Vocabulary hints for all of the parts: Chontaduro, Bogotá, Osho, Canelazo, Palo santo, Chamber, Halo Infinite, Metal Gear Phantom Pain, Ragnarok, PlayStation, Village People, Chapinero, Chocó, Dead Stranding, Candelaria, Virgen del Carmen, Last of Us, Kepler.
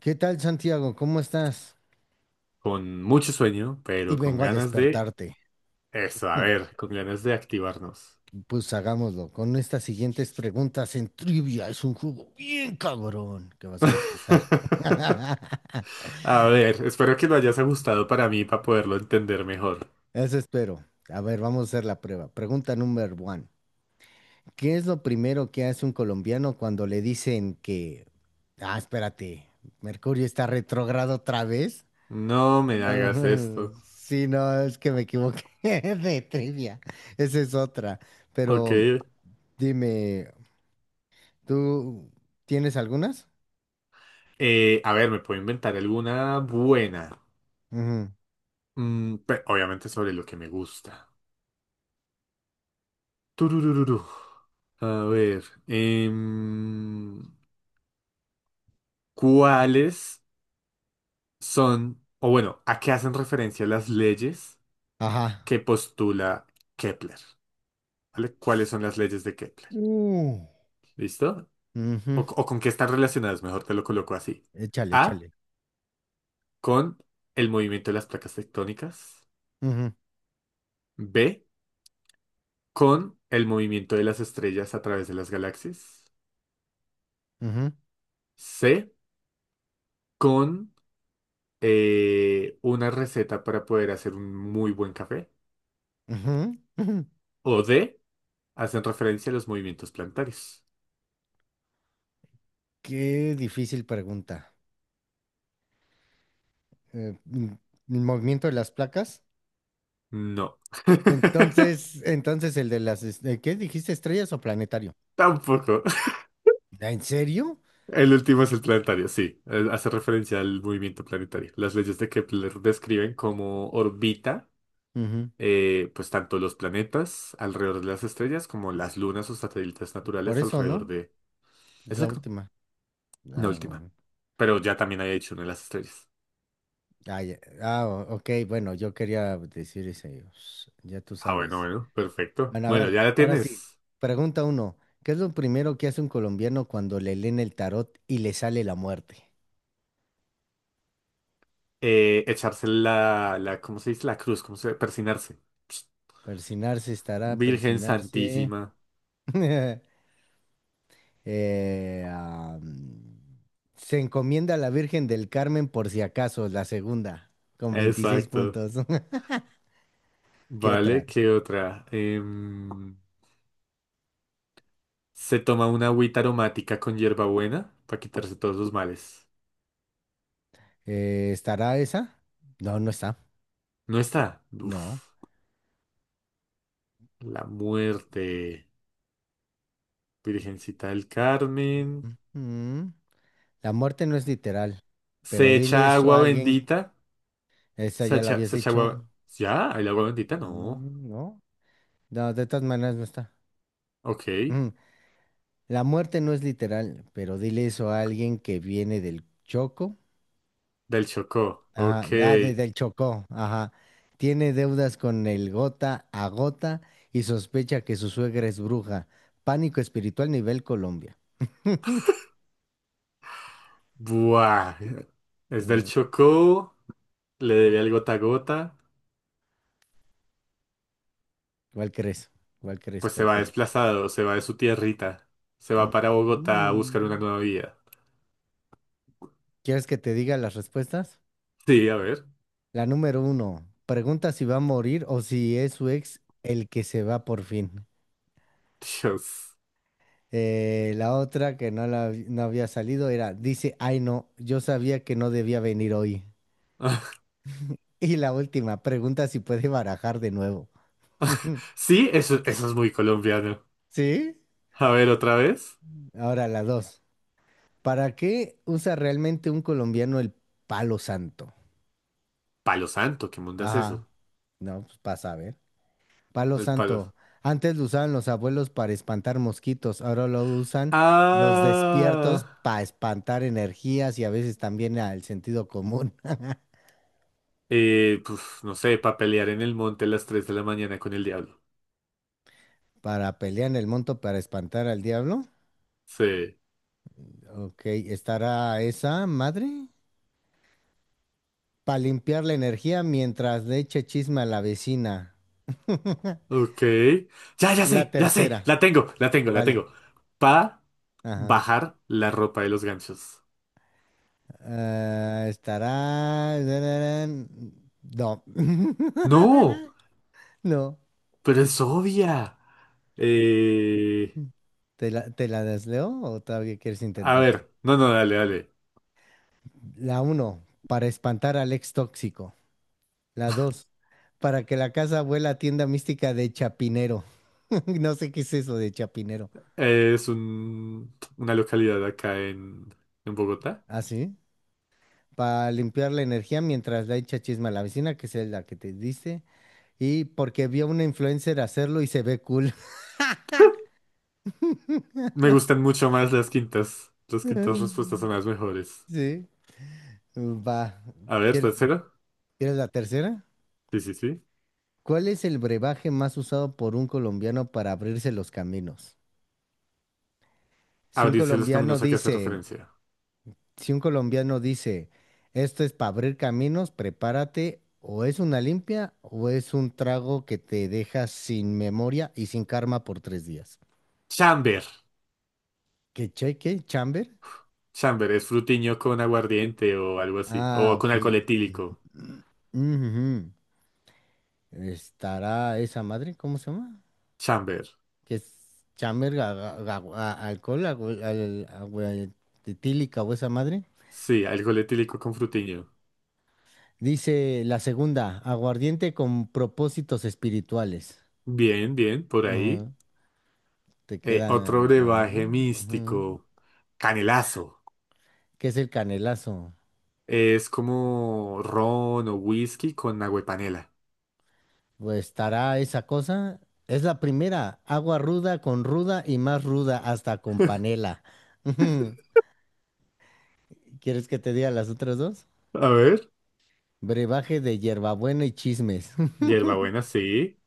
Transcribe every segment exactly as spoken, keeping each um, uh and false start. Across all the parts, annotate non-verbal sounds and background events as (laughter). ¿Qué tal, Santiago? ¿Cómo estás? Con mucho sueño, Y pero con vengo a ganas de despertarte. eso, a Hmm, ver, con ganas de activarnos. Pues hagámoslo con estas siguientes preguntas en trivia. Es un juego bien cabrón que vas a disfrutar. (laughs) (laughs) A ver, espero que lo hayas ajustado para mí para poderlo entender mejor. Eso espero. A ver, vamos a hacer la prueba. Pregunta número one. ¿Qué es lo primero que hace un colombiano cuando le dicen que... Ah, espérate, ¿Mercurio está retrógrado otra vez? No me hagas No, esto. (laughs) sí, no, es que me equivoqué (laughs) de trivia. Esa es otra. Ok. Pero dime, ¿tú tienes algunas? Eh, a ver, me puedo inventar alguna buena. Ujú. Mm, pe- obviamente sobre lo que me gusta. Tururururu. A ver, em, ¿cuáles son, o bueno, a qué hacen referencia las leyes Ajá. que postula Kepler, ¿vale? ¿Cuáles son las leyes de Kepler? Uh. ¿Listo? O, Ujú. o con qué están relacionadas, mejor te lo coloco así. Échale, A, échale. con el movimiento de las placas tectónicas. Ujú, B, con el movimiento de las estrellas a través de las galaxias. ujú, C, con eh, una receta para poder hacer un muy buen café. ujú, ujú. O D, hacen referencia a los movimientos planetarios. Qué difícil pregunta. Eh, mm, ¿El movimiento de las placas? No. (laughs) Entonces, entonces el de las, es- eh, ¿qué dijiste? ¿Estrellas o planetario? Tampoco. ¿En serio? El último es el planetario, sí. Eh, Hace referencia al movimiento planetario. Las leyes de Kepler describen cómo orbita, Ujú. eh, pues tanto los planetas alrededor de las estrellas como las lunas o satélites Por naturales eso, alrededor ¿no? de... Es la Exacto, última. la Ah, última. bueno. Pero ya también había hecho una de las estrellas. Ah, ya- ah, o- ok, bueno, yo quería decir ese. Ya tú Ah, bueno, sabes. bueno, perfecto. Bueno, a Bueno, ya ver, la ahora sí. tienes. Pregunta uno. ¿Qué es lo primero que hace un colombiano cuando le leen el tarot y le sale la muerte? Eh, echarse la, la, ¿cómo se dice? La cruz, ¿cómo se dice? Persinarse. Persinarse estará, Virgen persinarse. Santísima. (laughs) Eh, am, Se encomienda a la Virgen del Carmen por si acaso, la segunda, con veintiséis Exacto. puntos. (laughs) ¿Qué otra? Vale, ¿qué otra? Em, Se toma una agüita aromática con hierbabuena para quitarse todos los males. Eh, ¿estará esa? No, no está. No está. Uf, No. la muerte. Virgencita del Carmen. Mm, La muerte no es literal, Se pero dile echa eso agua a alguien. bendita. Esa Se ya la echa, habías Se echa dicho. agua. Ya, el agua bendita no. Mm. No. No, de todas maneras no está. Ok. Ujú. La muerte no es literal, pero dile eso a alguien que viene del Choco. Del Chocó. Ajá, Ok. ah, de- del Chocó, ajá. Tiene deudas con el gota a gota y sospecha que su suegra es bruja. Pánico espiritual nivel Colombia. Buah. Es del Eh, Chocó. Le debe al gota a gota. ¿Cuál crees? ¿Cuál crees? Pues se ¿Cuál va crees? desplazado. Se va de su tierrita. Se va para Bogotá a buscar una Mm. nueva vida. ¿Quieres que te diga las respuestas? Sí, a ver. La número uno, pregunta si va a morir o si es su ex el que se va por fin. Dios. Eh, la otra que no, la, no había salido era, dice, ay no, yo sabía que no debía venir hoy. (laughs) (laughs) Y la última, pregunta si puede barajar de nuevo. (laughs) Sí, eso, eso es muy colombiano. ¿Sí? A ver, otra vez. Ahora la dos. ¿Para qué usa realmente un colombiano el palo santo? Palo santo, ¿qué mundo es Ajá. eso? No, pues para saber. Palo El palo. santo. Antes lo usaban los abuelos para espantar mosquitos, ahora lo usan los despiertos Ah, para espantar energías y a veces también al sentido común. eh, pues no sé, para pelear en el monte a las tres de la mañana con el diablo. Para pelear en el monto para espantar al diablo. Sí, Ok, ¿estará esa madre? Para limpiar la energía mientras le eche chisme a la vecina. ok. Ya, ya La sé, ya sé, tercera. la tengo, la tengo, la tengo. ¿Cuál? Pa Ajá. bajar la ropa de los ganchos. Ah, estará. No. No, (laughs) No. pero es obvia. Eh, ¿Te la, te la desleo o todavía quieres a intentarle? ver, no, no, dale, dale. La uno. Para espantar al ex tóxico. La dos, para que la casa vuela tienda mística de Chapinero. (laughs) No sé qué es eso de Chapinero. Es un, una localidad acá en, en Bogotá. ¿Ah, sí? Para limpiar la energía mientras la echa chisma a la vecina, que es la que te dice. Y porque vio a una influencer hacerlo y se ve cool. Me gustan mucho más las quintas. Las quintas (laughs) respuestas son las mejores. Sí, va. A ver, ¿Quier- tercero. ¿Quieres la tercera? Sí, sí, sí. ¿Cuál es el brebaje más usado por un colombiano para abrirse los caminos? Si un Abrirse los colombiano caminos a que hace dice referencia. si un colombiano dice, esto es para abrir caminos, prepárate, o es una limpia o es un trago que te deja sin memoria y sin karma por tres días. Chamber. ¿Qué cheque? ¿Chamber? Chamber es frutiño con aguardiente o algo así. Ah, O con ok. alcohol Mm, etílico. mm, ujú. ¿Estará esa madre? ¿Cómo se llama? Chamber. ¿Qué es chamber? ga- ga- ga- a- ¿Alcohol? Agua- al- ¿agua etílica o esa madre? Sí, alcohol etílico con frutiño. Dice la segunda, aguardiente con propósitos espirituales. Bien, bien, por ahí. Te Eh, queda, Otro a ver. brebaje Ujú. místico. Canelazo. ¿Qué es el canelazo? Es como ron o whisky con agua y panela. Pues estará esa cosa. Es la primera, agua ruda con ruda y más ruda hasta con panela. Ujú. ¿Quieres que te diga las otras dos? A ver. Brebaje de hierbabuena y chismes. (laughs) Hierbabuena, sí.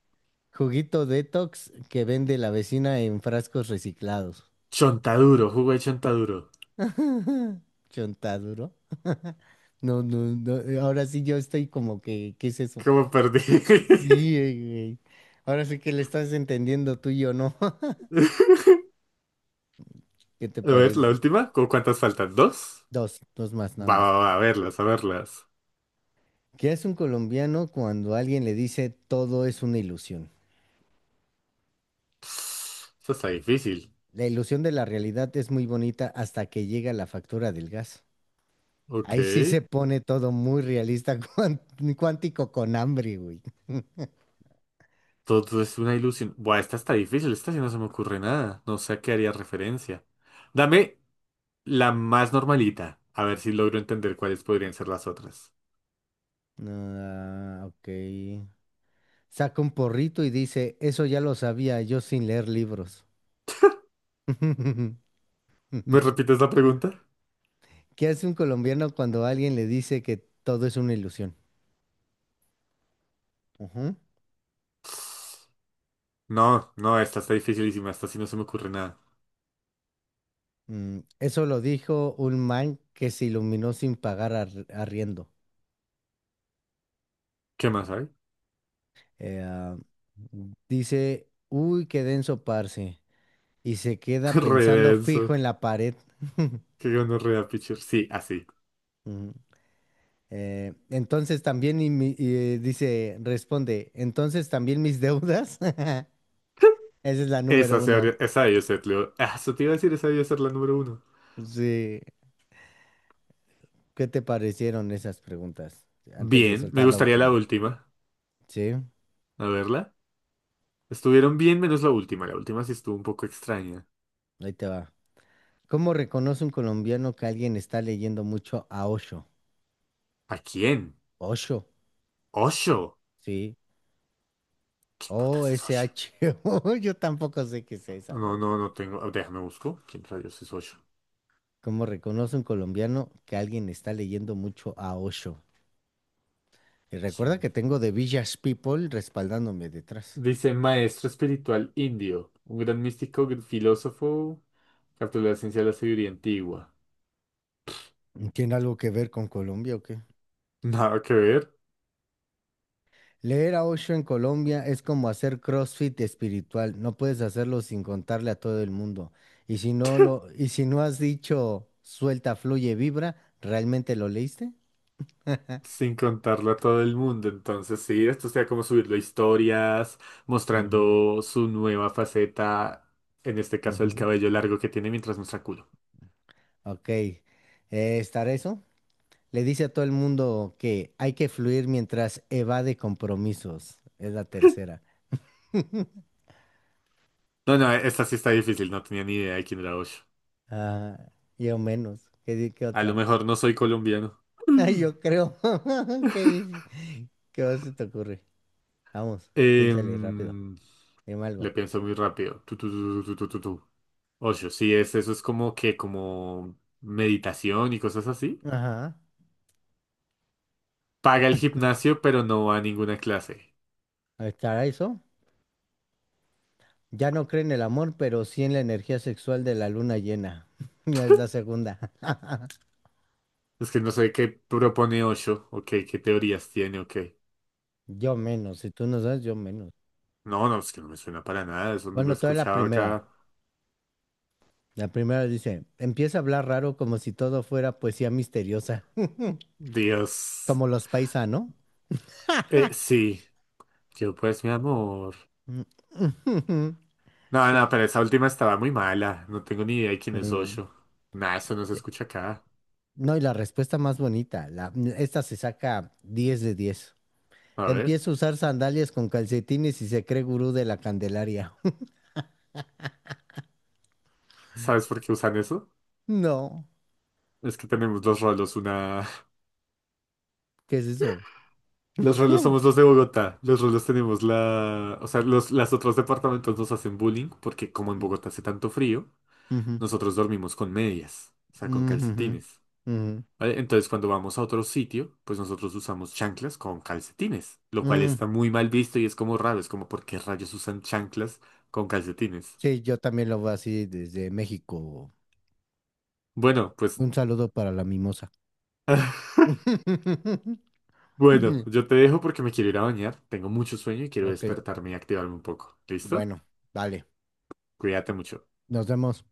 Juguito detox que vende la vecina en frascos reciclados. Chontaduro, jugo de chontaduro. (laughs) Chontaduro. (laughs) No, no, no. Ahora sí yo estoy como que, ¿qué es eso? ¿Cómo perdí? Sí, güey. Ahora sí que le estás entendiendo tú y yo, ¿no? (laughs) (laughs) ¿Qué te A ver, la parece? última. ¿Cu- ¿Cuántas faltan? ¿Dos? Dos, dos más, nada Va, va, más. va, a verlas, a verlas. ¿Qué es un colombiano cuando alguien le dice todo es una ilusión? Esta está difícil. La ilusión de la realidad es muy bonita hasta que llega la factura del gas. Ok. Ahí sí se pone todo muy realista, (laughs) cuán- cuántico con hambre, güey. Todo es una ilusión. Buah, esta está difícil. Esta sí no se me ocurre nada. No sé a qué haría referencia. Dame la más normalita. A ver si logro entender cuáles podrían ser las otras. Ah, ok. Saca un porrito y dice, eso ya lo sabía yo sin leer libros. (laughs) ¿Me repites la pregunta? ¿Qué hace un colombiano cuando alguien le dice que todo es una ilusión? Ujú. No, no, esta está dificilísima. Esta sí no se me ocurre nada. Mm, eso lo dijo un man que se iluminó sin pagar ar- arriendo. ¿Qué más hay? Eh, ah, Dice, uy, qué denso, parce, y se (laughs) queda Re pensando denso. fijo en la pared. Qué gonorrea, pichir. Sí, así. Ujú. Eh, entonces también, y mi- y, eh, dice, responde, entonces también mis deudas. (laughs) Esa es la número Esa, se uno. habría- esa debió ser, Leo. Ah, eso te iba a decir, esa debió ser la número uno. Sí, ¿qué te parecieron esas preguntas? Antes de Bien, me soltar la gustaría la última. última. Sí. A verla. Estuvieron bien menos la última. La última sí estuvo un poco extraña. Ahí te va. ¿Cómo reconoce un colombiano que alguien está leyendo mucho a Osho? ¿A quién? Osho, ¿Osho? sí. ¿Quién putas es Osho? O S H O. (laughs) Yo tampoco sé qué sea esa No, madre. no, no tengo. Ah, déjame busco. ¿Quién rayos es Osho? ¿Cómo reconoce un colombiano que alguien está leyendo mucho a Osho? Y recuerda ¿Quién? que tengo The Village People respaldándome detrás. Dice maestro espiritual indio, un gran místico, gr- filósofo, capturó la ciencia de la sabiduría antigua. ¿Tiene algo que ver con Colombia o qué? Nada que ver. Leer a Osho en Colombia es como hacer CrossFit espiritual. No puedes hacerlo sin contarle a todo el mundo. Y si no lo, y si no has dicho suelta, fluye, vibra, ¿realmente lo leíste? Sin contarlo a todo el mundo. Entonces, sí, esto sea como subirlo a historias, Ujú, mostrando su nueva faceta, en este caso el ujú. cabello largo que tiene mientras muestra culo. Ok. Eh, ¿estará eso? Le dice a todo el mundo que hay que fluir mientras evade compromisos. Es la tercera. (laughs) No, no, esta sí está difícil, no tenía ni idea de quién era Osho. Ah, yo menos. ¿Qué, di- qué A lo otra? mejor no soy colombiano. (laughs) Ay, Mm. yo creo. (laughs) ¿Qué, qué más se te ocurre? Vamos, piénsale rápido. Em, Dime Le algo. pienso muy rápido. Tu, tu, tu, tu, tu, tu, tu, tu. Osho, sí, es, eso es como que, como meditación y cosas así. Ajá. Paga el gimnasio, pero no va a ninguna clase. Ahí está eso. Ya no cree en el amor, pero sí en la energía sexual de la luna llena. (laughs) Es la segunda. (laughs) Es que no sé qué propone Osho, ok, qué teorías tiene, ok. Yo menos. Si tú no sabes, yo menos. No, no, es que no me suena para nada, eso lo he Bueno, toda la escuchado primera. acá. La primera dice, empieza a hablar raro como si todo fuera poesía misteriosa. (laughs) Dios. Como los paisanos. Eh, sí, yo pues mi amor. (laughs) No, Sí. no, pero esa última estaba muy mala, no tengo ni idea de quién es No. Osho. Nada, eso no se Sí. escucha acá. No, y la respuesta más bonita. La, esta se saca diez de diez. A ver, Empieza a usar sandalias con calcetines y se cree gurú de la Candelaria. (laughs) ¿sabes por qué usan eso? No, Es que tenemos los rolos, una... (laughs) ¿qué es eso? Los rolos Mm, somos los de Bogotá, los rolos tenemos la... O sea, los, las otros departamentos nos hacen bullying porque como en Bogotá hace tanto frío. ujú, Nosotros dormimos con medias, o sea, con mm, ujú, calcetines. ¿Vale? Entonces, cuando vamos a otro sitio, pues nosotros usamos chanclas con calcetines, lo ujú, cual mm. está muy mal visto y es como raro, es como, ¿por qué rayos usan chanclas con calcetines? Sí, yo también lo veo así desde México. Bueno, pues, Un saludo para la mimosa. (laughs) (laughs) bueno, yo te dejo porque me quiero ir a bañar, tengo mucho sueño y quiero Ok, despertarme y activarme un poco. ¿Listo? bueno, vale, Cuídate mucho. nos vemos.